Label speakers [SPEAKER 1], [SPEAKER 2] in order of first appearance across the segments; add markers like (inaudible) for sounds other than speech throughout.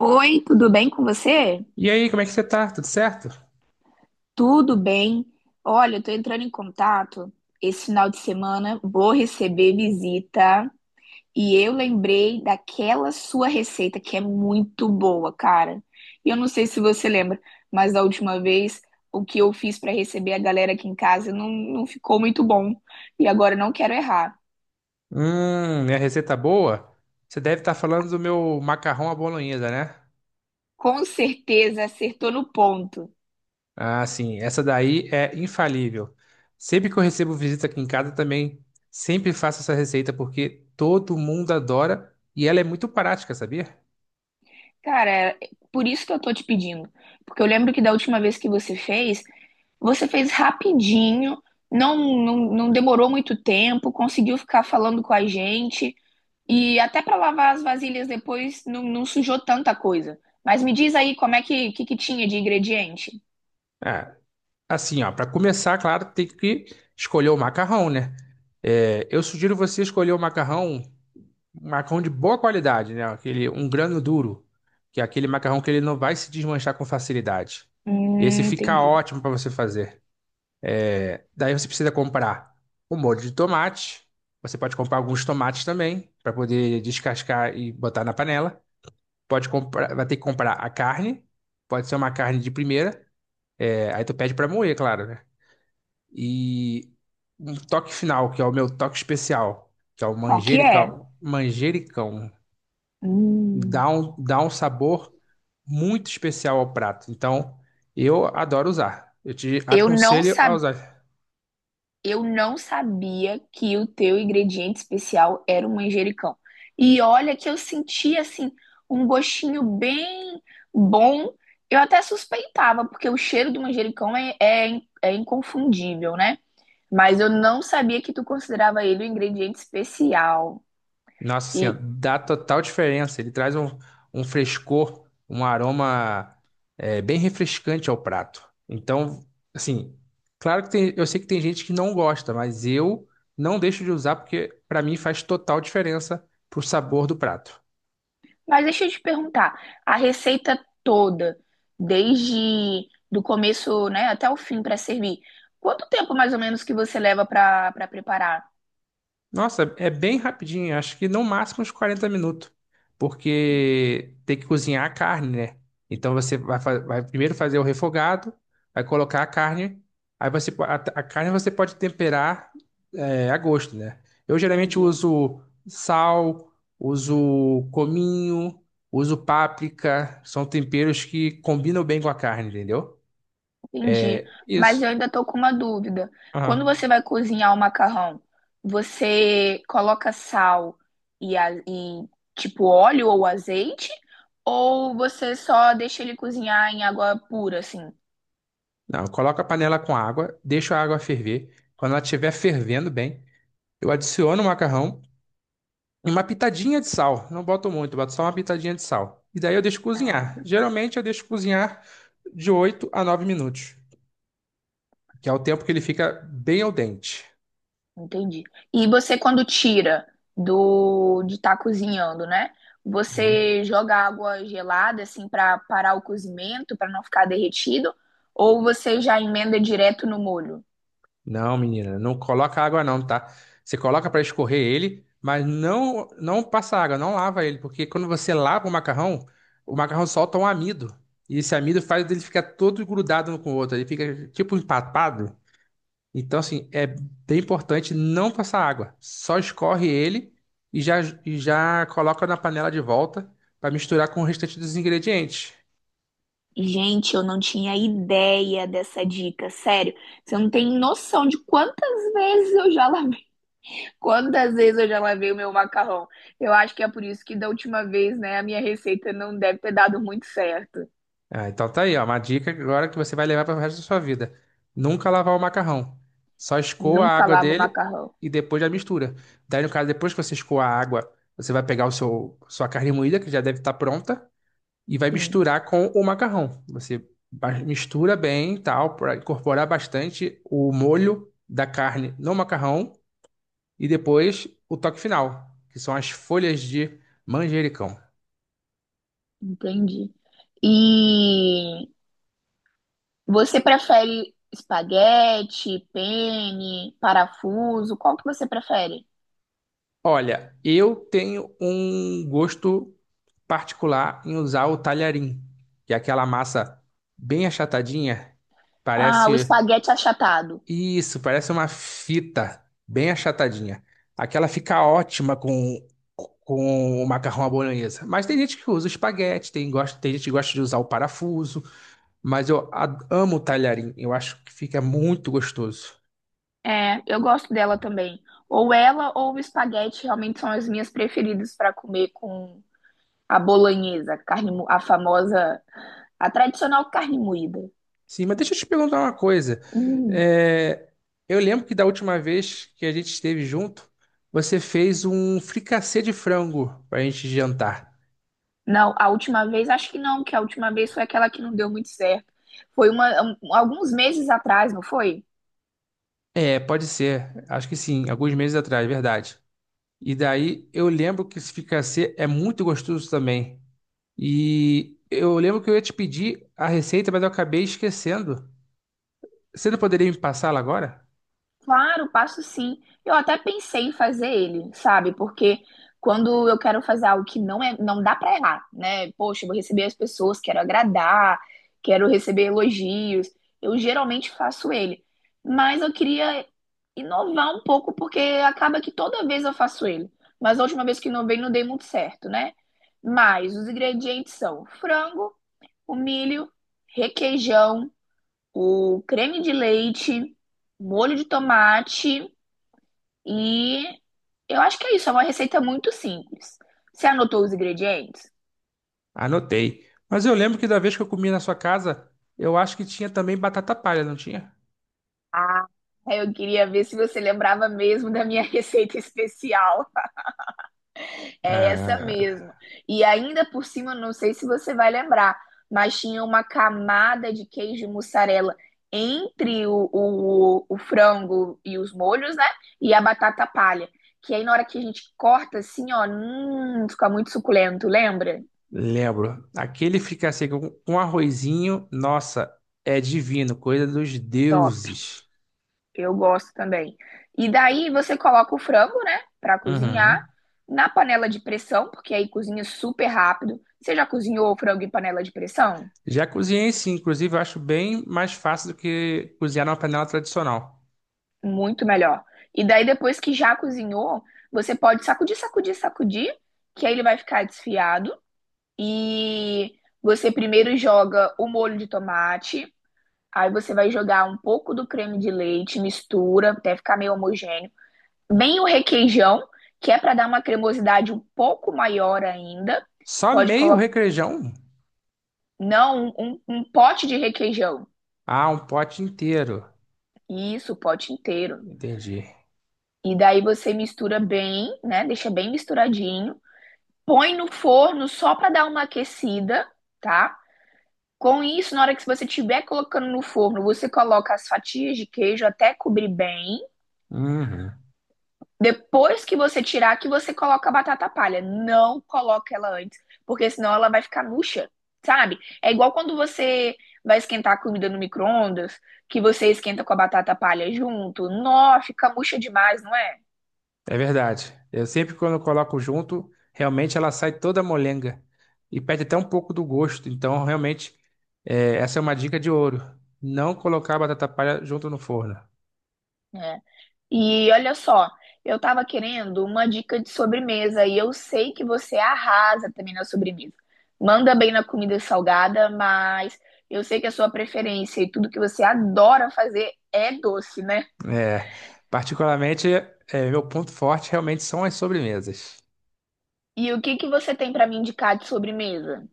[SPEAKER 1] Oi, tudo bem com você?
[SPEAKER 2] E aí, como é que você tá? Tudo certo?
[SPEAKER 1] Tudo bem. Olha, eu tô entrando em contato. Esse final de semana vou receber visita e eu lembrei daquela sua receita que é muito boa, cara. E eu não sei se você lembra, mas da última vez o que eu fiz para receber a galera aqui em casa não ficou muito bom. E agora eu não quero errar.
[SPEAKER 2] Minha receita boa? Você deve estar falando do meu macarrão à bolonhesa, né?
[SPEAKER 1] Com certeza acertou no ponto.
[SPEAKER 2] Ah, sim, essa daí é infalível. Sempre que eu recebo visita aqui em casa também, sempre faço essa receita porque todo mundo adora e ela é muito prática, sabia?
[SPEAKER 1] Cara, é por isso que eu tô te pedindo. Porque eu lembro que da última vez que você fez rapidinho, não demorou muito tempo, conseguiu ficar falando com a gente. E até para lavar as vasilhas depois não sujou tanta coisa. Mas me diz aí como é que tinha de ingrediente?
[SPEAKER 2] Ah, assim, ó, para começar, claro, tem que escolher o macarrão, né? É, eu sugiro você escolher o macarrão. Um macarrão de boa qualidade, né? Aquele, um grano duro, que é aquele macarrão que ele não vai se desmanchar com facilidade. Esse fica
[SPEAKER 1] Entendi.
[SPEAKER 2] ótimo para você fazer. Daí você precisa comprar o molho de tomate. Você pode comprar alguns tomates também, para poder descascar e botar na panela. Pode comprar, vai ter que comprar a carne. Pode ser uma carne de primeira. É, aí tu pede para moer, claro, né? E um toque final, que é o meu toque especial, que é o
[SPEAKER 1] Qual que é?
[SPEAKER 2] manjericão. Manjericão dá
[SPEAKER 1] Hum,
[SPEAKER 2] um, dá um sabor muito especial ao prato. Então, eu adoro usar. Eu te
[SPEAKER 1] eu não
[SPEAKER 2] aconselho a
[SPEAKER 1] sabia.
[SPEAKER 2] usar.
[SPEAKER 1] Eu não sabia que o teu ingrediente especial era o manjericão. E olha que eu senti assim um gostinho bem bom. Eu até suspeitava, porque o cheiro do manjericão é inconfundível, né? Mas eu não sabia que tu considerava ele um ingrediente especial.
[SPEAKER 2] Nossa Senhora,
[SPEAKER 1] E,
[SPEAKER 2] dá total diferença. Ele traz um, um frescor, um aroma, é, bem refrescante ao prato. Então, assim, claro que tem, eu sei que tem gente que não gosta, mas eu não deixo de usar porque para mim faz total diferença pro sabor do prato.
[SPEAKER 1] mas deixa eu te perguntar, a receita toda, desde do começo, né, até o fim para servir, quanto tempo mais ou menos que você leva para preparar?
[SPEAKER 2] Nossa, é bem rapidinho, acho que no máximo uns 40 minutos, porque tem que cozinhar a carne, né? Então você vai, vai primeiro fazer o refogado, vai colocar a carne, aí você, a carne você pode temperar, é, a gosto, né? Eu geralmente
[SPEAKER 1] Entendi.
[SPEAKER 2] uso sal, uso cominho, uso páprica, são temperos que combinam bem com a carne, entendeu?
[SPEAKER 1] Entendi. Mas
[SPEAKER 2] Isso.
[SPEAKER 1] eu ainda tô com uma dúvida. Quando
[SPEAKER 2] Aham.
[SPEAKER 1] você vai cozinhar o macarrão, você coloca sal e, tipo óleo ou azeite? Ou você só deixa ele cozinhar em água pura, assim?
[SPEAKER 2] Não, coloca a panela com água, deixa a água ferver. Quando ela estiver fervendo bem, eu adiciono o macarrão, uma pitadinha de sal. Não boto muito, boto só uma pitadinha de sal. E daí eu deixo
[SPEAKER 1] Ah,
[SPEAKER 2] cozinhar. Geralmente eu deixo cozinhar de 8 a 9 minutos, que é o tempo que ele fica bem al dente.
[SPEAKER 1] entendi. E você, quando tira do de estar cozinhando, né?
[SPEAKER 2] Uhum.
[SPEAKER 1] Você joga água gelada, assim, para parar o cozimento, para não ficar derretido? Ou você já emenda direto no molho?
[SPEAKER 2] Não, menina, não coloca água não, tá? Você coloca para escorrer ele, mas não passa água, não lava ele, porque quando você lava o macarrão solta um amido. E esse amido faz ele ficar todo grudado um com o outro, ele fica tipo empapado. Então, assim, é bem importante não passar água. Só escorre ele e já coloca na panela de volta para misturar com o restante dos ingredientes.
[SPEAKER 1] Gente, eu não tinha ideia dessa dica, sério. Você não tem noção de quantas vezes eu já lavei, quantas vezes eu já lavei o meu macarrão. Eu acho que é por isso que da última vez, né, a minha receita não deve ter dado muito certo.
[SPEAKER 2] Ah, então tá aí, ó, uma dica agora que você vai levar para o resto da sua vida. Nunca lavar o macarrão. Só escoa a
[SPEAKER 1] Nunca
[SPEAKER 2] água
[SPEAKER 1] lavo
[SPEAKER 2] dele
[SPEAKER 1] macarrão.
[SPEAKER 2] e depois já mistura. Daí, no caso, depois que você escoa a água, você vai pegar o sua carne moída, que já deve estar pronta, e vai
[SPEAKER 1] Sim,
[SPEAKER 2] misturar com o macarrão. Você mistura bem, e tal, para incorporar bastante o molho da carne no macarrão e depois o toque final, que são as folhas de manjericão.
[SPEAKER 1] entendi. E você prefere espaguete, penne, parafuso? Qual que você prefere?
[SPEAKER 2] Olha, eu tenho um gosto particular em usar o talharim, que é aquela massa bem achatadinha,
[SPEAKER 1] Ah, o
[SPEAKER 2] parece.
[SPEAKER 1] espaguete achatado.
[SPEAKER 2] Isso, parece uma fita bem achatadinha. Aquela fica ótima com o macarrão à bolonhesa. Mas tem gente que usa o espaguete, tem, gosta, tem gente que gosta de usar o parafuso. Mas eu amo o talharim, eu acho que fica muito gostoso.
[SPEAKER 1] É, eu gosto dela também. Ou ela ou o espaguete realmente são as minhas preferidas para comer com a bolonhesa, a carne, a famosa, a tradicional carne moída.
[SPEAKER 2] Sim, mas deixa eu te perguntar uma coisa.
[SPEAKER 1] Hum,
[SPEAKER 2] É, eu lembro que da última vez que a gente esteve junto, você fez um fricassê de frango para a gente jantar.
[SPEAKER 1] não, a última vez, acho que não, que a última vez foi aquela que não deu muito certo. Foi uma, alguns meses atrás, não foi?
[SPEAKER 2] É, pode ser. Acho que sim, alguns meses atrás, verdade. E daí eu lembro que esse fricassê é muito gostoso também. E eu lembro que eu ia te pedir a receita, mas eu acabei esquecendo. Você não poderia me passá-la agora?
[SPEAKER 1] Claro, passo sim. Eu até pensei em fazer ele, sabe? Porque quando eu quero fazer algo que não é, não dá pra errar, né? Poxa, eu vou receber as pessoas, quero agradar, quero receber elogios. Eu geralmente faço ele. Mas eu queria inovar um pouco porque acaba que toda vez eu faço ele. Mas a última vez que inovei não dei muito certo, né? Mas os ingredientes são frango, o milho, requeijão, o creme de leite, molho de tomate e eu acho que é isso. É uma receita muito simples. Você anotou os ingredientes?
[SPEAKER 2] Anotei. Mas eu lembro que da vez que eu comi na sua casa, eu acho que tinha também batata palha, não tinha?
[SPEAKER 1] Ah, eu queria ver se você lembrava mesmo da minha (laughs) receita especial. É essa
[SPEAKER 2] Ah,
[SPEAKER 1] mesmo. E ainda por cima, não sei se você vai lembrar, mas tinha uma camada de queijo e mussarela entre o frango e os molhos, né? E a batata palha. Que aí na hora que a gente corta assim, ó, fica muito suculento, lembra?
[SPEAKER 2] lembro. Aquele fricassê com arrozinho, nossa, é divino, coisa dos
[SPEAKER 1] Top.
[SPEAKER 2] deuses.
[SPEAKER 1] Eu gosto também. E daí você coloca o frango, né, pra cozinhar
[SPEAKER 2] Uhum.
[SPEAKER 1] na panela de pressão, porque aí cozinha super rápido. Você já cozinhou o frango em panela de pressão?
[SPEAKER 2] Já cozinhei sim, inclusive eu acho bem mais fácil do que cozinhar numa panela tradicional.
[SPEAKER 1] Muito melhor. E daí, depois que já cozinhou, você pode sacudir, sacudir, sacudir, que aí ele vai ficar desfiado. E você primeiro joga o molho de tomate, aí você vai jogar um pouco do creme de leite, mistura até ficar meio homogêneo. Bem o requeijão, que é para dar uma cremosidade um pouco maior ainda.
[SPEAKER 2] Só
[SPEAKER 1] Pode
[SPEAKER 2] meio
[SPEAKER 1] colocar,
[SPEAKER 2] requeijão?
[SPEAKER 1] não, um pote de requeijão.
[SPEAKER 2] Ah, um pote inteiro.
[SPEAKER 1] Isso, o pote inteiro.
[SPEAKER 2] Entendi.
[SPEAKER 1] E daí você mistura bem, né? Deixa bem misturadinho. Põe no forno só para dar uma aquecida, tá? Com isso, na hora que você estiver colocando no forno, você coloca as fatias de queijo até cobrir bem.
[SPEAKER 2] Uhum.
[SPEAKER 1] Depois que você tirar, que você coloca a batata palha. Não coloca ela antes, porque senão ela vai ficar murcha, sabe? É igual quando você vai esquentar a comida no micro-ondas, que você esquenta com a batata palha junto. Nó, fica murcha demais, não é?
[SPEAKER 2] É verdade. Eu sempre quando coloco junto, realmente ela sai toda molenga e perde até um pouco do gosto. Então, realmente, é, essa é uma dica de ouro. Não colocar a batata palha junto no forno.
[SPEAKER 1] É, e olha só, eu tava querendo uma dica de sobremesa e eu sei que você arrasa também na sobremesa. Manda bem na comida salgada, mas eu sei que a sua preferência e tudo que você adora fazer é doce, né?
[SPEAKER 2] É, particularmente, é, meu ponto forte realmente são as sobremesas.
[SPEAKER 1] E o que que você tem pra me indicar de sobremesa?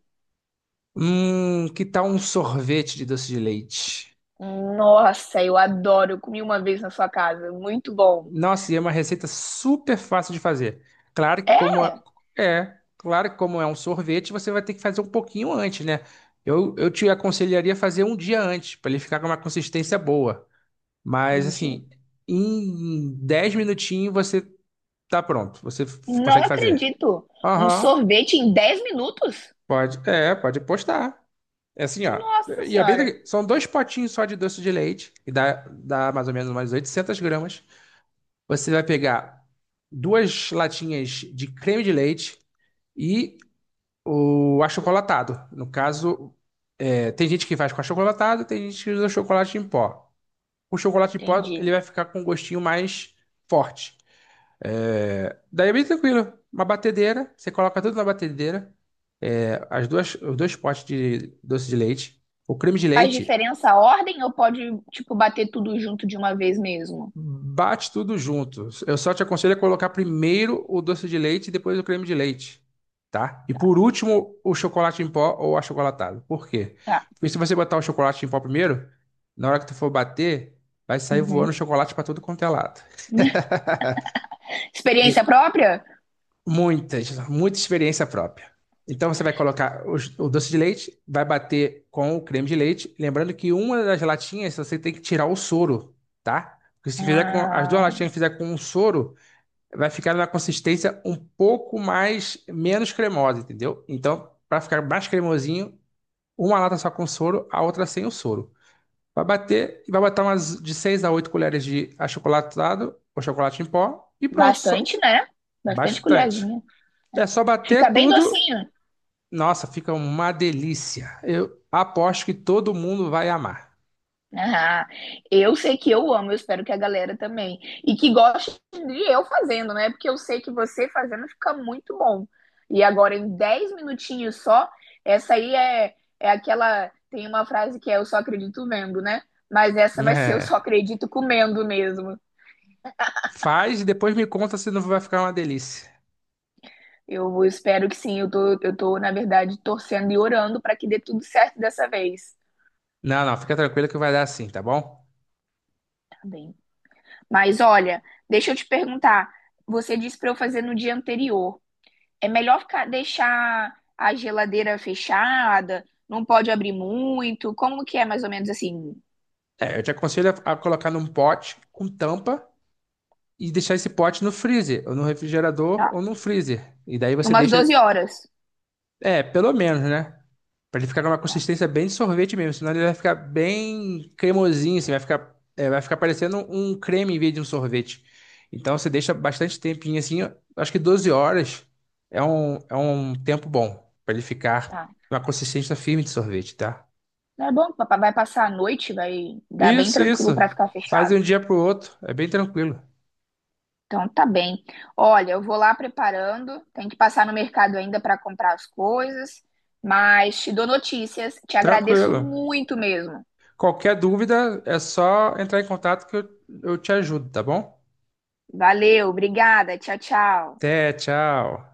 [SPEAKER 2] Que tal um sorvete de doce de leite?
[SPEAKER 1] Nossa, eu adoro. Eu comi uma vez na sua casa, muito bom.
[SPEAKER 2] Nossa, e é uma receita super fácil de fazer. Claro que
[SPEAKER 1] É?
[SPEAKER 2] como é, é, claro que como é um sorvete, você vai ter que fazer um pouquinho antes, né? Eu te aconselharia a fazer um dia antes, para ele ficar com uma consistência boa. Mas
[SPEAKER 1] Entendi.
[SPEAKER 2] assim, em 10 minutinhos você tá pronto. Você
[SPEAKER 1] Não
[SPEAKER 2] consegue fazer.
[SPEAKER 1] acredito. Um
[SPEAKER 2] Aham,
[SPEAKER 1] sorvete em 10 minutos?
[SPEAKER 2] pode. É, pode postar. É assim, ó.
[SPEAKER 1] Nossa
[SPEAKER 2] E é bem,
[SPEAKER 1] senhora.
[SPEAKER 2] são dois potinhos só de doce de leite, e dá mais ou menos umas 800 gramas. Você vai pegar duas latinhas de creme de leite e o achocolatado. No caso, é, tem gente que faz com achocolatado, tem gente que usa chocolate em pó. O chocolate em pó, ele
[SPEAKER 1] Entendi.
[SPEAKER 2] vai ficar com um gostinho mais forte. É, daí é bem tranquilo. Uma batedeira, você coloca tudo na batedeira, é, as duas, os dois potes de doce de leite, o creme de
[SPEAKER 1] Faz
[SPEAKER 2] leite.
[SPEAKER 1] diferença a ordem ou pode, tipo, bater tudo junto de uma vez mesmo?
[SPEAKER 2] Bate tudo junto. Eu só te aconselho a colocar primeiro o doce de leite e depois o creme de leite, tá? E por último, o chocolate em pó ou achocolatado. Por quê?
[SPEAKER 1] Tá.
[SPEAKER 2] Porque se você botar o chocolate em pó primeiro, na hora que tu for bater, vai sair voando
[SPEAKER 1] Uhum.
[SPEAKER 2] chocolate para tudo quanto é lado. (laughs)
[SPEAKER 1] (laughs) Experiência própria?
[SPEAKER 2] Muitas, muita experiência própria. Então você vai colocar o doce de leite, vai bater com o creme de leite. Lembrando que uma das latinhas você tem que tirar o soro, tá? Porque se fizer com as duas
[SPEAKER 1] Ah,
[SPEAKER 2] latinhas fizer com um soro, vai ficar na consistência um pouco mais menos cremosa, entendeu? Então, para ficar mais cremosinho, uma lata só com soro, a outra sem o soro. Vai bater e vai botar umas de 6 a 8 colheres de achocolatado ou chocolate em pó e pronto, só
[SPEAKER 1] bastante, né? Bastante
[SPEAKER 2] bastante.
[SPEAKER 1] colherzinha.
[SPEAKER 2] É só
[SPEAKER 1] Fica
[SPEAKER 2] bater
[SPEAKER 1] bem
[SPEAKER 2] tudo.
[SPEAKER 1] docinho.
[SPEAKER 2] Nossa, fica uma delícia. Eu aposto que todo mundo vai amar.
[SPEAKER 1] Ah, eu sei que eu amo, eu espero que a galera também. E que goste de eu fazendo, né? Porque eu sei que você fazendo fica muito bom. E agora, em 10 minutinhos só, essa aí é aquela. Tem uma frase que é eu só acredito vendo, né? Mas essa vai ser eu só
[SPEAKER 2] É.
[SPEAKER 1] acredito comendo mesmo.
[SPEAKER 2] Faz e depois me conta se não vai ficar uma delícia.
[SPEAKER 1] Eu espero que sim, eu tô, na verdade, torcendo e orando para que dê tudo certo dessa vez.
[SPEAKER 2] Não, não, fica tranquilo que vai dar assim, tá bom?
[SPEAKER 1] Tá bem. Mas olha, deixa eu te perguntar. Você disse para eu fazer no dia anterior. É melhor ficar, deixar a geladeira fechada, não pode abrir muito. Como que é mais ou menos assim?
[SPEAKER 2] É, eu te aconselho a colocar num pote com tampa e deixar esse pote no freezer, ou no refrigerador,
[SPEAKER 1] Tá.
[SPEAKER 2] ou no freezer. E daí você
[SPEAKER 1] Umas
[SPEAKER 2] deixa.
[SPEAKER 1] 12 horas.
[SPEAKER 2] É, pelo menos, né? Pra ele ficar numa
[SPEAKER 1] Tá,
[SPEAKER 2] consistência bem de sorvete mesmo, senão ele vai ficar bem cremosinho, assim, vai ficar, é, vai ficar parecendo um creme em vez de um sorvete. Então você deixa bastante tempinho assim, acho que 12 horas é um tempo bom pra ele ficar
[SPEAKER 1] tá.
[SPEAKER 2] numa consistência firme de sorvete, tá?
[SPEAKER 1] Não é bom, papai vai passar a noite, vai dar bem
[SPEAKER 2] Isso, isso.
[SPEAKER 1] tranquilo para ficar
[SPEAKER 2] Faz de
[SPEAKER 1] fechado.
[SPEAKER 2] um dia pro outro, é bem tranquilo.
[SPEAKER 1] Então tá bem. Olha, eu vou lá preparando, tem que passar no mercado ainda para comprar as coisas, mas te dou notícias, te agradeço
[SPEAKER 2] Tranquilo.
[SPEAKER 1] muito mesmo.
[SPEAKER 2] Qualquer dúvida é só entrar em contato que eu te ajudo, tá bom?
[SPEAKER 1] Valeu, obrigada, tchau, tchau.
[SPEAKER 2] Até, tchau.